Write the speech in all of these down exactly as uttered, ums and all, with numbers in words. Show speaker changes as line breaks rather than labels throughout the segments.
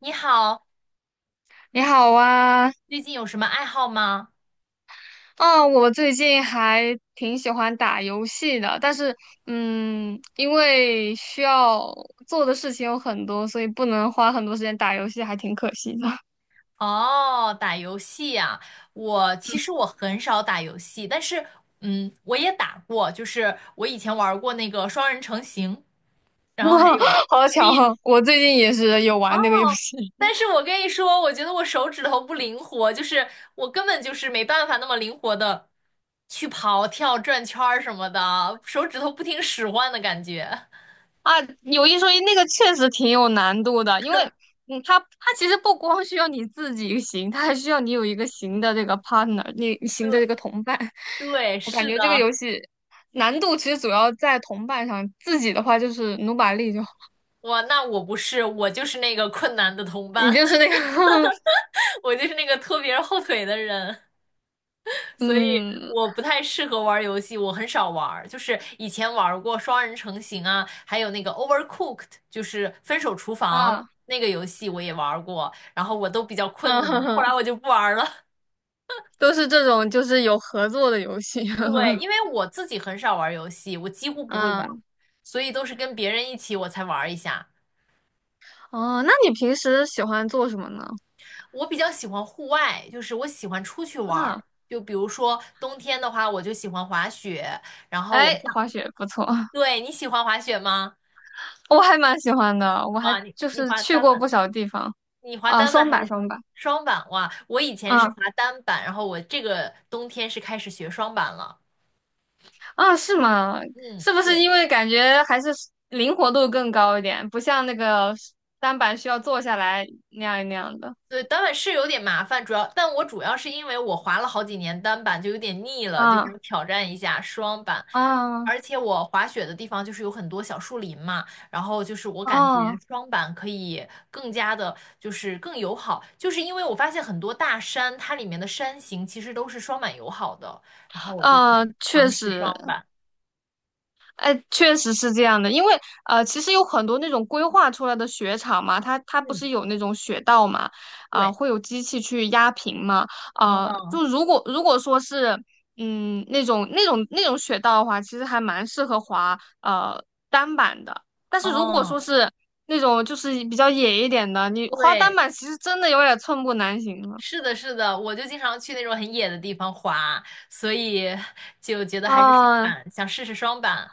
你好，
你好啊，
最近有什么爱好吗？
啊，我最近还挺喜欢打游戏的，但是，嗯，因为需要做的事情有很多，所以不能花很多时间打游戏，还挺可惜的。
哦，打游戏呀，我其实我很少打游戏，但是嗯，我也打过，就是我以前玩过那个双人成行，然后还有
好巧啊，
Switch。
我最近也是有玩那个游
哦，
戏。
但是我跟你说，我觉得我手指头不灵活，就是我根本就是没办法那么灵活的去跑、跳、转圈儿什么的，手指头不听使唤的感觉。
啊，有一说一，那个确实挺有难度的，因为嗯，它它其实不光需要你自己行，它还需要你有一个行的这个 partner，你行的这
对
个同伴。
对，
我感
是
觉这个
的。
游戏难度其实主要在同伴上，自己的话就是努把力就好，
哇，那我不是，我就是那个困难的同
你
伴，
就是那个
我就是那个拖别人后腿的人，所以
嗯
我不太适合玩游戏，我很少玩儿就是以前玩过双人成行啊，还有那个 Overcooked，就是分手厨房
啊
那个游戏我也玩过，然后我都比较困
嗯哼
难，后来
哼，
我就不玩儿了。
都是这种就是有合作的游戏。
对，因为我自己很少玩游戏，我几乎不会玩，
嗯
所以都是跟别人一起我才玩一下。
哦，那你平时喜欢做什么呢？
我比较喜欢户外，就是我喜欢出去玩
啊，
儿。就比如说冬天的话，我就喜欢滑雪。然后我
哎，
上，
滑雪不错。
对，你喜欢滑雪吗？
我还蛮喜欢的，我还
哇，你
就
你
是
滑
去
单
过
板，
不少地方
你滑
啊。
单板
双
还
板
是双
双
板
板，
双板哇，我以前是
啊
滑单板，然后我这个冬天是开始学双板了。
啊是吗？
嗯，
是不是
对。
因为感觉还是灵活度更高一点，不像那个单板需要坐下来那样那样的？
对，单板是有点麻烦，主要，但我主要是因为我滑了好几年单板，就有点腻了，就
啊
想挑战一下双板。
啊
而且我滑雪的地方就是有很多小树林嘛，然后就是我
哦
感觉
啊
双板可以更加的，就是更友好，就是因为我发现很多大山，它里面的山形其实都是双板友好的，然后我就想
呃，确
尝试
实，
双板。
哎，确实是这样的，因为呃，其实有很多那种规划出来的雪场嘛，它它不
嗯，
是有那种雪道嘛，啊、
对，
会有机器去压平嘛，啊、
嗯
就如果如果说是嗯那种那种那种雪道的话，其实还蛮适合滑呃单板的，但是如果
嗯，
说是那种就是比较野一点的，你滑单
对。
板其实真的有点寸步难行了。
是的，是的，我就经常去那种很野的地方滑，所以就觉得还是双
啊、
板，想试试双板。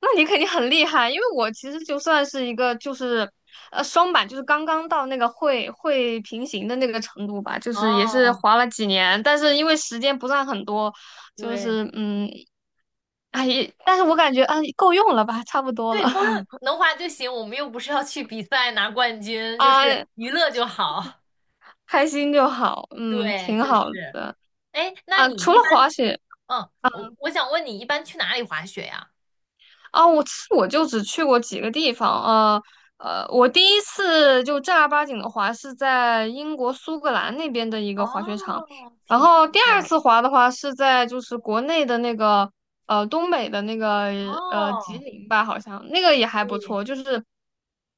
那你肯定很厉害，因为我其实就算是一个就是呃双板，就是刚刚到那个会会平行的那个程度吧，就是也是
哦，
滑了几年，但是因为时间不算很多，就
对
是嗯，哎，也但是我感觉啊够用了吧，差不多了。
对，够用，能滑就行，我们又不是要去比赛拿冠 军，就是
啊，
娱乐就好。
开心就好，嗯，
对，
挺
就
好
是。
的
哎，那
啊。
你
除
一
了
般，
滑雪。
嗯，我我想问你，一般去哪里滑雪呀？
啊，我其实我就只去过几个地方，呃呃，我第一次就正儿八经的滑是在英国苏格兰那边的一个滑雪场，
哦，
然
挺
后
好
第二
的。
次滑的话是在就是国内的那个呃东北的那个呃吉
哦，
林吧，好像那个也还不
对，
错，就是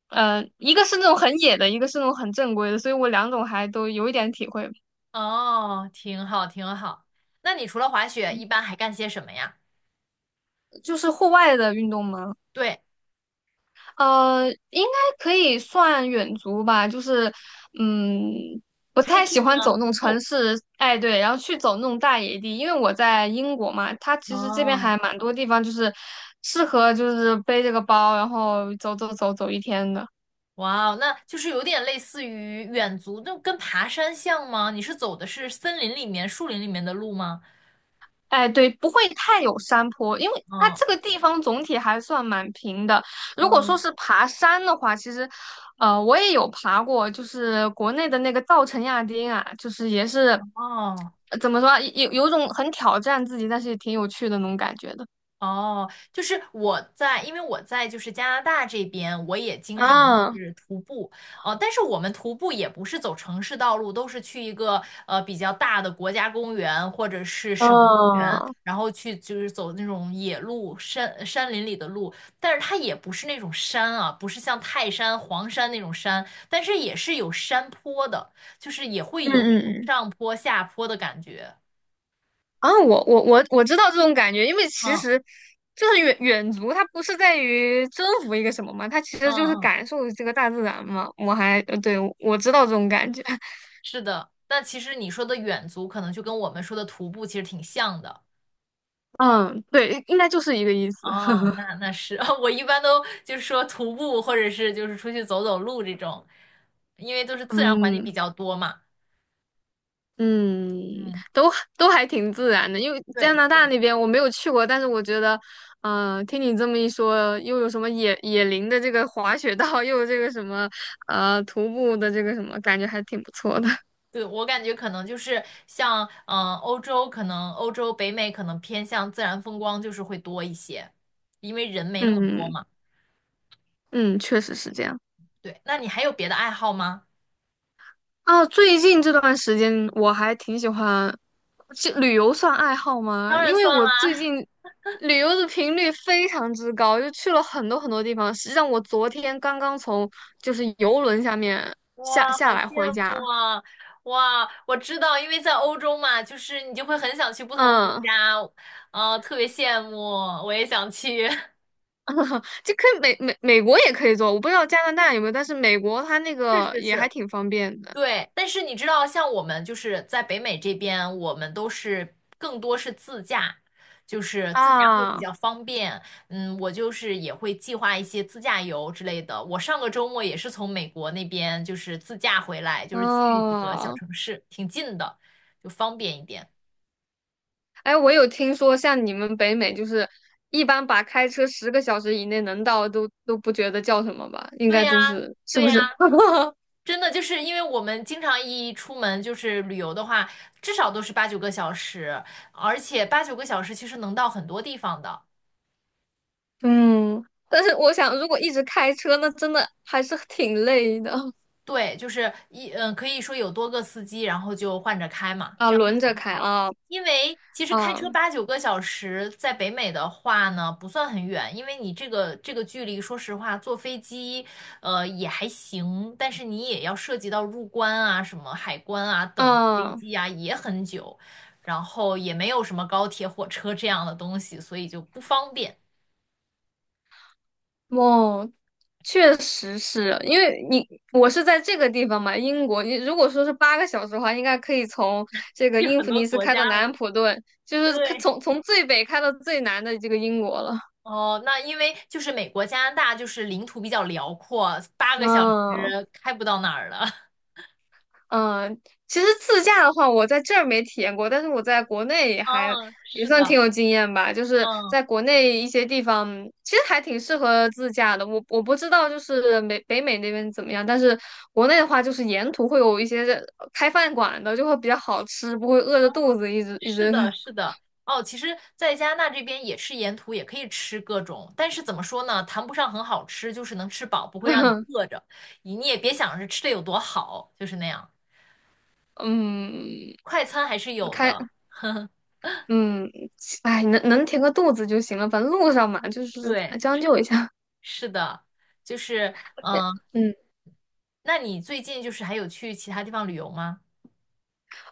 呃一个是那种很野的，一个是那种很正规的，所以我两种还都有一点体会，
哦，挺好，挺好。那你除了滑雪，一般还干些什么呀？
就是户外的运动嘛。
对。
呃，应该可以算远足吧，就是，嗯，不太喜
hiking
欢
吗？
走那
徒
种城
步？
市，哎，对，然后去走那种大野地，因为我在英国嘛，它其实这边
哦，
还蛮多地方就是适合就是背这个包，然后走走走走一天的。
哇哦，那就是有点类似于远足，就跟爬山像吗？你是走的是森林里面、树林里面的路吗？
哎，对，不会太有山坡，因为它
嗯，
这个地方总体还算蛮平的。如果
哦。
说是爬山的话，其实，呃，我也有爬过，就是国内的那个稻城亚丁啊，就是也是，
哦，
呃怎么说啊有有种很挑战自己，但是也挺有趣的那种感觉的。
哦，就是我在，因为我在就是加拿大这边，我也经常
啊，
是徒步，呃，但是我们徒步也不是走城市道路，都是去一个呃比较大的国家公园或者是省公园，
哦，
然后去就是走那种野路、山山林里的路，但是它也不是那种山啊，不是像泰山、黄山那种山，但是也是有山坡的，就是也会
嗯
有一
嗯
种
嗯。
上坡下坡的感觉。
啊，我我我我知道这种感觉，因为其
嗯
实就是远远足，它不是在于征服一个什么嘛，它其
嗯
实就是
嗯。
感受这个大自然嘛。我还呃对，我知道这种感觉。
是的，但其实你说的远足可能就跟我们说的徒步其实挺像的。
嗯，对，应该就是一个意思。
哦，那那是，我一般都就是说徒步或者是就是出去走走路这种，因为都是自然环境比
嗯
较多嘛。
嗯，
嗯，
都都还挺自然的，因为加
对
拿大那边我没有去过，但是我觉得，嗯、听你这么一说，又有什么野野林的这个滑雪道，又有这个什么呃徒步的这个什么，感觉还挺不错的。
对，我感觉可能就是像嗯、呃欧洲，可能欧洲北美可能偏向自然风光就是会多一些，因为人没那么多
嗯
嘛。
嗯，确实是这样。
对，那你还有别的爱好吗？
啊，最近这段时间我还挺喜欢，去旅游算爱好吗？
当然
因为
算
我最
啦。
近旅游的频率非常之高，就去了很多很多地方。实际上，我昨天刚刚从就是游轮下面下
哇，
下
好
来回
羡慕
家。
啊！哇，我知道，因为在欧洲嘛，就是你就会很想去不同的国
嗯，
家，啊，特别羡慕，我也想去。
就可以美美美国也可以坐，我不知道加拿大有没有，但是美国它那
是
个
是
也还
是。
挺方便的
对，但是你知道，像我们就是在北美这边，我们都是更多是自驾，就是自驾会比
啊。
较方便。嗯，我就是也会计划一些自驾游之类的。我上个周末也是从美国那边就是自驾回来，就是去几个小
哦，
城市，挺近的，就方便一点。
哎，我有听说，像你们北美，就是一般把开车十个小时以内能到都都不觉得叫什么吧？应
对
该
呀，
都是是
对
不
呀，
是？
真的就是因为我们经常一出门就是旅游的话，至少都是八九个小时，而且八九个小时其实能到很多地方的。
嗯，但是我想，如果一直开车，那真的还是挺累的
对，就是一嗯，可以说有多个司机，然后就换着开嘛，
啊，
这样就
轮着
还
开
好。
啊
因为其实开
啊
车八九个小时，在北美的话呢，不算很远，因为你这个这个距离，说实话，坐飞机，呃，也还行，但是你也要涉及到入关啊、什么海关啊、等飞
啊！
机啊，也很久，然后也没有什么高铁、火车这样的东西，所以就不方便。
哦，确实是，因为你我是在这个地方嘛，英国，你如果说是八个小时的话，应该可以从这 个
去
英
很
弗
多
尼斯
国
开到
家
南
了，
安普顿，就是可
对。
从从最北开到最南的这个英国了。
哦，那因为就是美国、加拿大就是领土比较辽阔，八个小时
嗯
开不到哪儿了。
嗯，其实自驾的话，我在这儿没体验过，但是我在国内也还
嗯，
也
是
算挺
的，
有经验吧。就是
嗯，
在国内一些地方，其实还挺适合自驾的。我我不知道就是美北美那边怎么样，但是国内的话，就是沿途会有一些呃开饭馆的，就会比较好吃，不会饿
哦，
着肚子一直一
是
直。
的，是的。哦，其实，在加拿大这边也是沿途也可以吃各种，但是怎么说呢，谈不上很好吃，就是能吃饱，不会让你饿 着。你你也别想着吃的有多好，就是那样。
嗯
快餐还是有的，
开嗯哎，能能填个肚子就行了，反正路上嘛，就是
对，
将就一下。
是的，就是嗯，
嗯。
那你最近就是还有去其他地方旅游吗？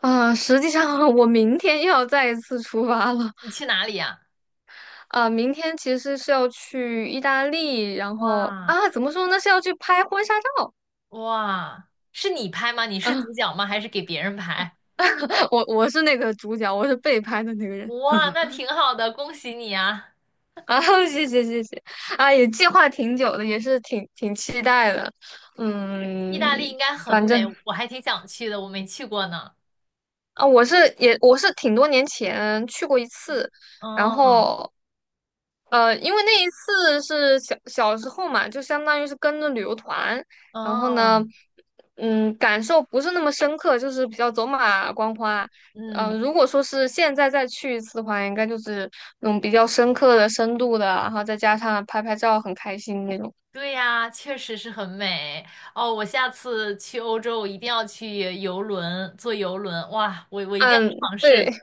啊、实际上 我明天又要再一次出发了。
你去哪里呀？
啊、明天其实是要去意大利，然后
哇，
啊，怎么说呢，是要去拍婚纱照。
哇，是你拍吗？你是主角吗？还是给别人拍？
我我是那个主角，我是被拍的那个人
哇，那挺好的，恭喜你啊！
啊。谢谢谢谢。啊，也计划挺久的，也是挺挺期待的。
意
嗯，
大利应该很
反正。
美，我还挺想去的，我没去过呢。
啊，我是也我是挺多年前去过一次，然
哦，
后呃，因为那一次是小小时候嘛，就相当于是跟着旅游团，然后
哦，
呢，嗯，感受不是那么深刻，就是比较走马观花。嗯、
嗯，
呃如果说是现在再去一次的话，应该就是那种比较深刻的、深度的，然后再加上拍拍照很开心那种。
对呀，确实是很美。哦，我下次去欧洲，我一定要去游轮，坐游轮。哇，我我一定要
嗯，
尝
对。
试。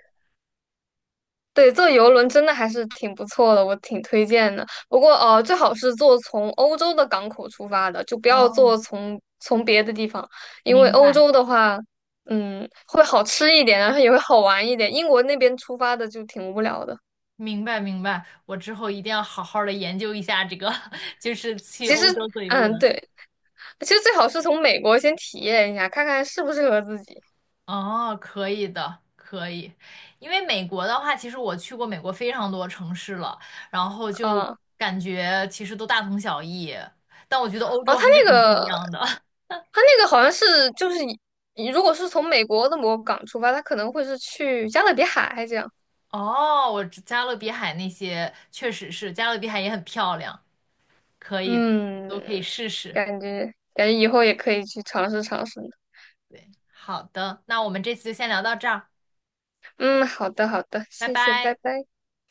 对，坐游轮真的还是挺不错的，我挺推荐的。不过，呃，最好是坐从欧洲的港口出发的，就不要
哦，
坐从从别的地方，因为
明
欧
白。
洲的话，嗯，会好吃一点，然后也会好玩一点。英国那边出发的就挺无聊的。
明白明白，我之后一定要好好的研究一下这个，就是去
其实，
欧洲坐游
嗯，
轮。
对，其实最好是从美国先体验一下，看看适不适合自己。
哦，可以的，可以。因为美国的话，其实我去过美国非常多城市了，然后就
啊，
感觉其实都大同小异，但我觉得欧
哦，
洲还
他
是
那
很不一
个，
样的。
他那个好像是就是以如果是从美国的某个港出发，他可能会是去加勒比海这样。
哦，我知加勒比海那些确实是，加勒比海也很漂亮，可以的，都可以
嗯，
试试。
感觉感觉以后也可以去尝试尝试呢。
对，好的，那我们这次就先聊到这儿，
嗯，好的好的，
拜
谢谢，拜
拜。
拜。